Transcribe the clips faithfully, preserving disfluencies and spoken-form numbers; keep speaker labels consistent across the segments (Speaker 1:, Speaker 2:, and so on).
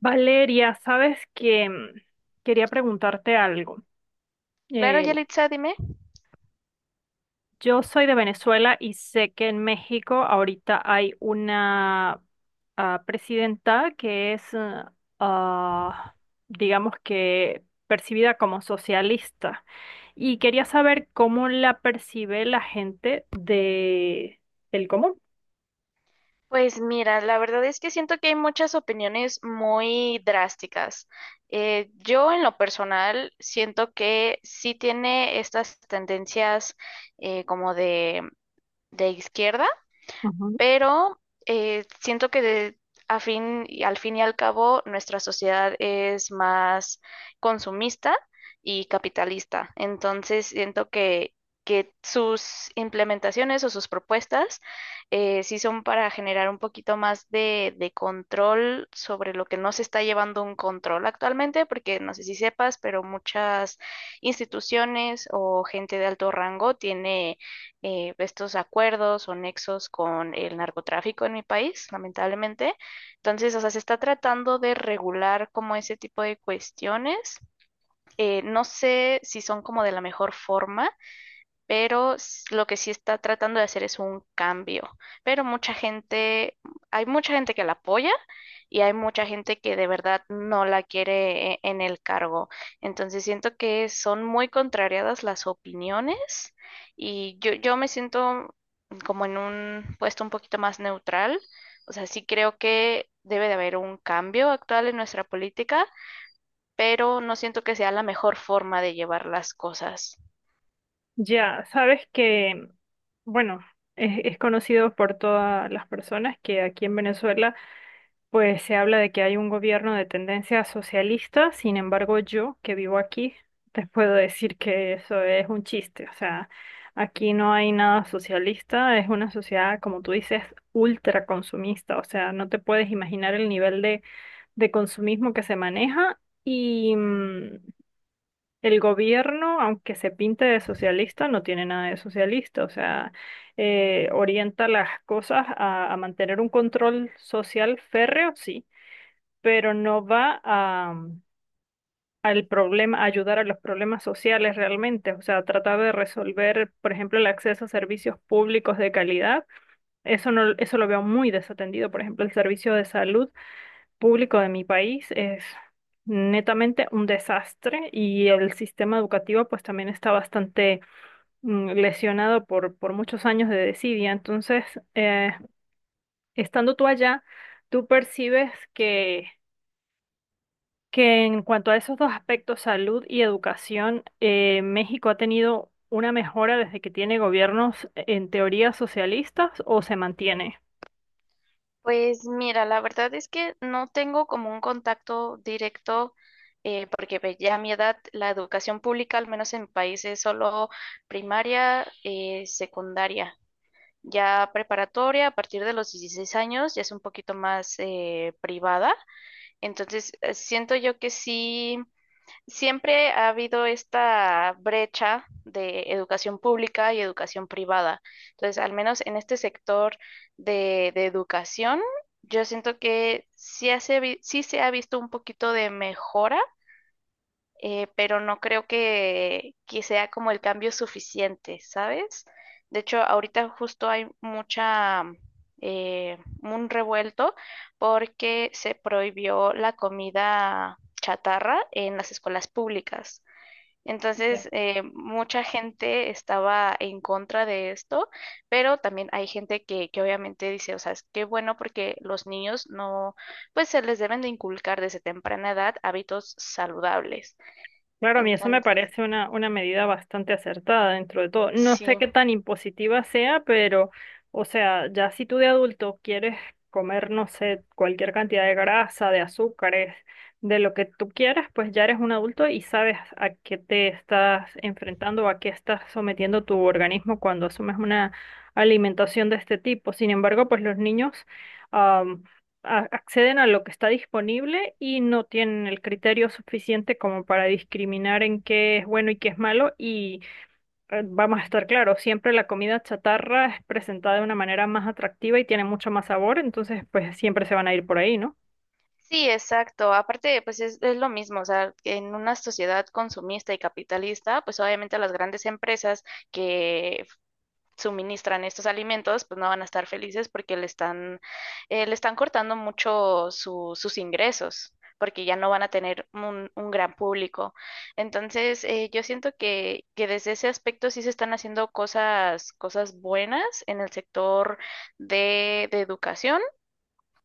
Speaker 1: Valeria, sabes que mm, quería preguntarte algo.
Speaker 2: Claro,
Speaker 1: Eh,
Speaker 2: Yalitza, dime.
Speaker 1: yo soy de Venezuela y sé que en México ahorita hay una ah, presidenta que es, ah, ah, digamos que percibida como socialista. Y quería saber cómo la percibe la gente de, del común.
Speaker 2: Pues mira, la verdad es que siento que hay muchas opiniones muy drásticas. Eh, yo en lo personal siento que sí tiene estas tendencias eh, como de, de izquierda,
Speaker 1: Ujú.
Speaker 2: pero eh, siento que de- a fin, y al fin y al cabo nuestra sociedad es más consumista y capitalista. Entonces siento que, que sus implementaciones o sus propuestas eh, sí son para generar un poquito más de, de control sobre lo que no se está llevando un control actualmente, porque no sé si sepas, pero muchas instituciones o gente de alto rango tiene eh, estos acuerdos o nexos con el narcotráfico en mi país, lamentablemente. Entonces, o sea, se está tratando de regular como ese tipo de cuestiones. Eh, no sé si son como de la mejor forma, pero s- lo que sí está tratando de hacer es un cambio. Pero mucha gente, Hay mucha gente que la apoya y hay mucha gente que de verdad no la quiere e- en el cargo. Entonces siento que son muy contrariadas las opiniones y yo, yo me siento como en un puesto un poquito más neutral. O sea, sí creo que debe de haber un cambio actual en nuestra política, pero no siento que sea la mejor forma de llevar las cosas.
Speaker 1: Ya, sabes que, mm, bueno, es, es conocido por todas las personas que aquí en Venezuela pues se habla de que hay un gobierno de tendencia socialista. Sin embargo, yo, que vivo aquí, te puedo decir que eso es un chiste, o sea, aquí no hay nada socialista, es una sociedad, como tú dices, ultra consumista, o sea, no te puedes imaginar el nivel de, de consumismo que se maneja y mm, el gobierno, aunque se pinte de socialista, no tiene nada de socialista, o sea, eh, orienta las cosas a a mantener un control social férreo, sí, pero no va a, mm, al problema, a ayudar a los problemas sociales realmente. O sea, tratar de resolver, por ejemplo, el acceso a servicios públicos de calidad. Eso no, eso lo veo muy desatendido. Por ejemplo, el servicio de salud público de mi país es netamente un desastre, y el sistema educativo pues también está bastante mm, lesionado por, por muchos años de desidia. Entonces, eh, estando tú allá, tú percibes que que en cuanto a esos dos aspectos, salud y educación, eh, ¿México ha tenido una mejora desde que tiene gobiernos en teoría socialistas o se mantiene?
Speaker 2: Pues mira, la verdad es que no tengo como un contacto directo, eh, porque pues, ya a mi edad la educación pública, al menos en mi país, es solo primaria, eh, secundaria. Ya preparatoria, a partir de los dieciséis años, ya es un poquito más eh, privada. Entonces, eh, siento yo que sí. Siempre ha habido esta brecha de educación pública y educación privada. Entonces, al menos en este sector de, de educación, yo siento que sí, hace vi- sí se ha visto un poquito de mejora, eh, pero no creo que, que sea como el cambio suficiente, ¿sabes? De hecho, ahorita justo hay mucha, eh, un revuelto porque se prohibió la comida chatarra en las escuelas públicas. Entonces, eh, mucha gente estaba en contra de esto, pero también hay gente que, que obviamente dice, o sea, es que bueno porque los niños no, pues se les deben de inculcar desde temprana edad hábitos saludables.
Speaker 1: Claro, a mí eso me
Speaker 2: Entonces,
Speaker 1: parece una, una medida bastante acertada dentro de todo. No sé
Speaker 2: sí.
Speaker 1: qué tan impositiva sea, pero, o sea, ya si tú de adulto quieres comer, no sé, cualquier cantidad de grasa, de azúcares, de lo que tú quieras, pues ya eres un adulto y sabes a qué te estás enfrentando o a qué estás sometiendo tu organismo cuando asumes una alimentación de este tipo. Sin embargo, pues los niños, a- acceden a lo que está disponible y no tienen el criterio suficiente como para discriminar en qué es bueno y qué es malo. Y eh, vamos a estar claros, siempre la comida chatarra es presentada de una manera más atractiva y tiene mucho más sabor, entonces pues siempre se van a ir por ahí, ¿no?
Speaker 2: Sí, exacto. Aparte, pues es, es lo mismo, o sea, que en una sociedad consumista y capitalista, pues obviamente las grandes empresas que suministran estos alimentos, pues no van a estar felices porque le están, eh, le están cortando mucho su- sus ingresos, porque ya no van a tener un, un gran público. Entonces, eh, yo siento que, que desde ese aspecto sí se están haciendo cosas, cosas buenas en el sector de, de educación.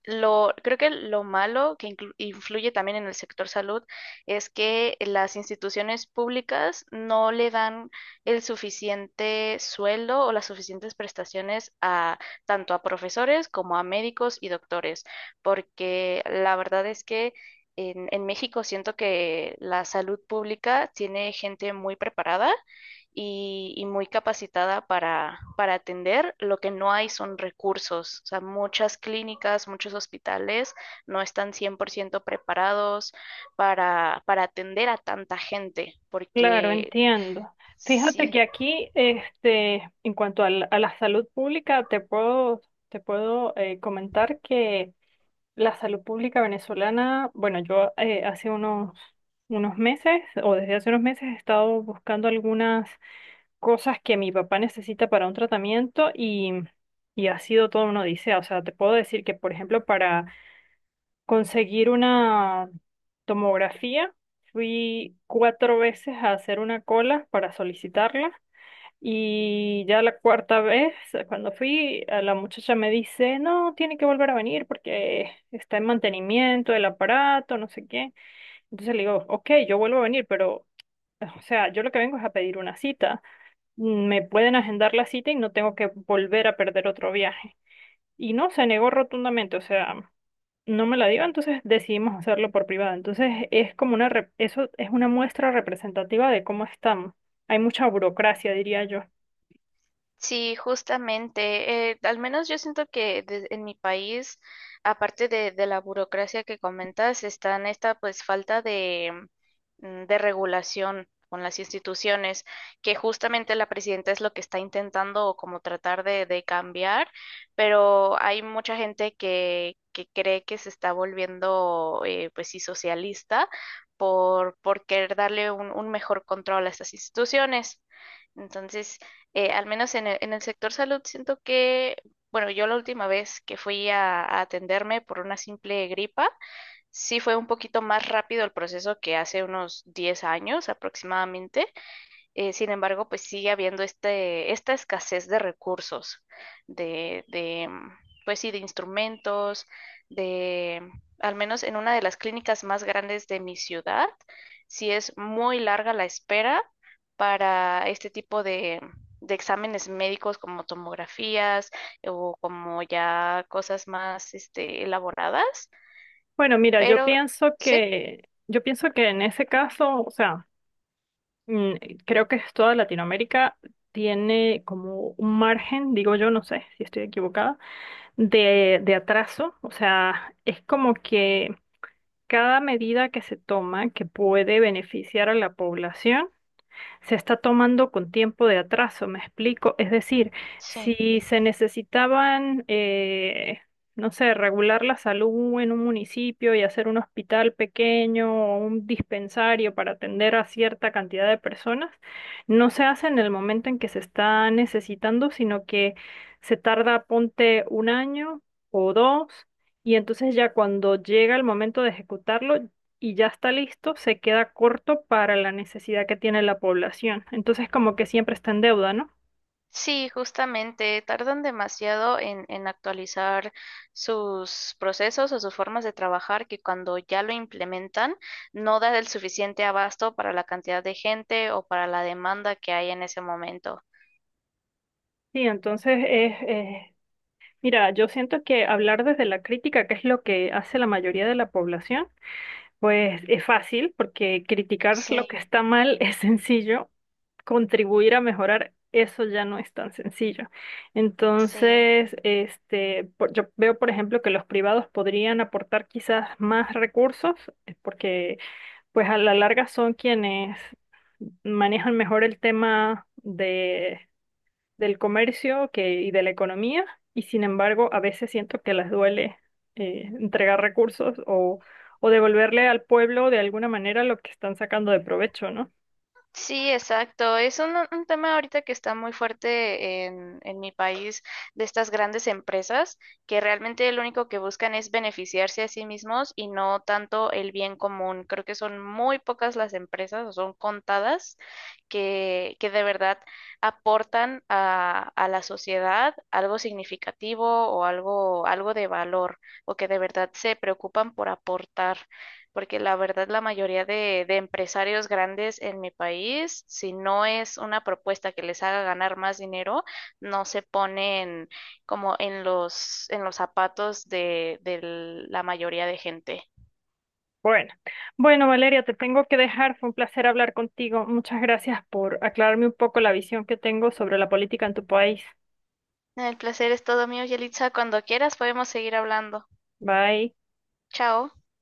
Speaker 2: Lo, creo que lo malo que inclu- influye también en el sector salud es que las instituciones públicas no le dan el suficiente sueldo o las suficientes prestaciones a tanto a profesores como a médicos y doctores, porque la verdad es que en, en México siento que la salud pública tiene gente muy preparada y, y muy capacitada para, para atender. Lo que no hay son recursos. O sea, muchas clínicas, muchos hospitales no están cien por ciento preparados para, para atender a tanta gente,
Speaker 1: Claro,
Speaker 2: porque
Speaker 1: entiendo. Fíjate
Speaker 2: sí.
Speaker 1: que aquí, este, en cuanto al- a la, salud pública, te puedo, te puedo eh, comentar que la salud pública venezolana, bueno, yo eh, hace unos, unos meses o desde hace unos meses he estado buscando algunas cosas que mi papá necesita para un tratamiento y, y ha sido todo una odisea. O sea, te puedo decir que, por ejemplo, para conseguir una tomografía, fui cuatro veces a hacer una cola para solicitarla, y ya la cuarta vez, cuando fui, a la muchacha me dice, no, tiene que volver a venir porque está en mantenimiento del aparato, no sé qué. Entonces le digo, ok, yo vuelvo a venir, pero, o sea, yo lo que vengo es a pedir una cita. Me pueden agendar la cita y no tengo que volver a perder otro viaje. Y no, se negó rotundamente, o sea, no me la dio, entonces decidimos hacerlo por privado. Entonces es como una, rep- eso es una muestra representativa de cómo estamos. Hay mucha burocracia, diría yo.
Speaker 2: Sí, justamente. eh, al menos yo siento que de- en mi país, aparte de, de la burocracia que comentas, está en esta pues falta de, mm, de regulación con las instituciones, que justamente la presidenta es lo que está intentando como tratar de, de cambiar, pero hay mucha gente que, que cree que se está volviendo eh, pues sí socialista por, por querer darle un un mejor control a estas instituciones. Entonces, eh, al menos en el, en el sector salud, siento que, bueno, yo la última vez que fui a, a atenderme por una simple gripa, sí fue un poquito más rápido el proceso que hace unos diez años aproximadamente. Eh, sin embargo, pues sigue habiendo este, esta escasez de recursos, de, de, mm, pues sí, de instrumentos, de, mm, al menos en una de las clínicas más grandes de mi ciudad, sí es muy larga la espera para este tipo de, mm, de exámenes médicos como tomografías o como ya cosas más, este, elaboradas,
Speaker 1: Bueno, mira, yo
Speaker 2: pero
Speaker 1: pienso
Speaker 2: sí,
Speaker 1: que, yo pienso que en ese caso, o sea, mm, creo que es toda Latinoamérica tiene como un margen, digo yo, no sé si estoy equivocada, de, de atraso. O sea, es como que cada medida que se toma que puede beneficiar a la población se está tomando con tiempo de atraso, me explico. Es decir,
Speaker 2: sí.
Speaker 1: si se necesitaban, eh, no sé, regular la salud en un municipio y hacer un hospital pequeño o un dispensario para atender a cierta cantidad de personas, no se hace en el momento en que se está necesitando, sino que se tarda, ponte, un año o dos. Y entonces ya cuando llega el momento de ejecutarlo, y ya está listo, se queda corto para la necesidad que tiene la población. Entonces, como que siempre está en deuda, ¿no?
Speaker 2: Sí, justamente, tardan demasiado en, en actualizar sus procesos o sus formas de trabajar que cuando ya lo implementan no da el suficiente abasto para la cantidad de gente o para la demanda que hay en ese momento.
Speaker 1: Sí, entonces es, es- mira, yo siento que hablar desde la crítica, que es lo que hace la mayoría de la población, pues es fácil, porque criticar lo que
Speaker 2: Sí,
Speaker 1: está mal es sencillo, contribuir a mejorar eso ya no es tan sencillo.
Speaker 2: sí.
Speaker 1: Entonces, este, por- yo veo, por ejemplo, que los privados podrían aportar quizás más recursos, eh, porque pues a la larga son quienes manejan mejor el tema de, del comercio que, y de la economía, y sin embargo a veces siento que les duele eh, entregar recursos o, o devolverle al pueblo de alguna manera lo que están sacando de provecho, ¿no?
Speaker 2: Sí, exacto. Es un, un tema ahorita que está muy fuerte en, en mi país de estas grandes empresas que realmente lo único que buscan es beneficiarse a sí mismos y no tanto el bien común. Creo que son muy pocas las empresas o son contadas que, que de verdad aportan a, a la sociedad algo significativo o algo, algo de valor o que de verdad se preocupan por aportar porque la verdad la mayoría de, de empresarios grandes en mi país, si no es una propuesta que les haga ganar más dinero, no se ponen como en los, en los zapatos de, de la mayoría de gente.
Speaker 1: Bueno, bueno, Valeria, te tengo que dejar. Fue un placer hablar contigo. Muchas gracias por aclararme un poco la visión que tengo sobre la política en tu país.
Speaker 2: El placer es todo mío, Yelitza. Cuando quieras podemos seguir hablando.
Speaker 1: Bye.
Speaker 2: Chao.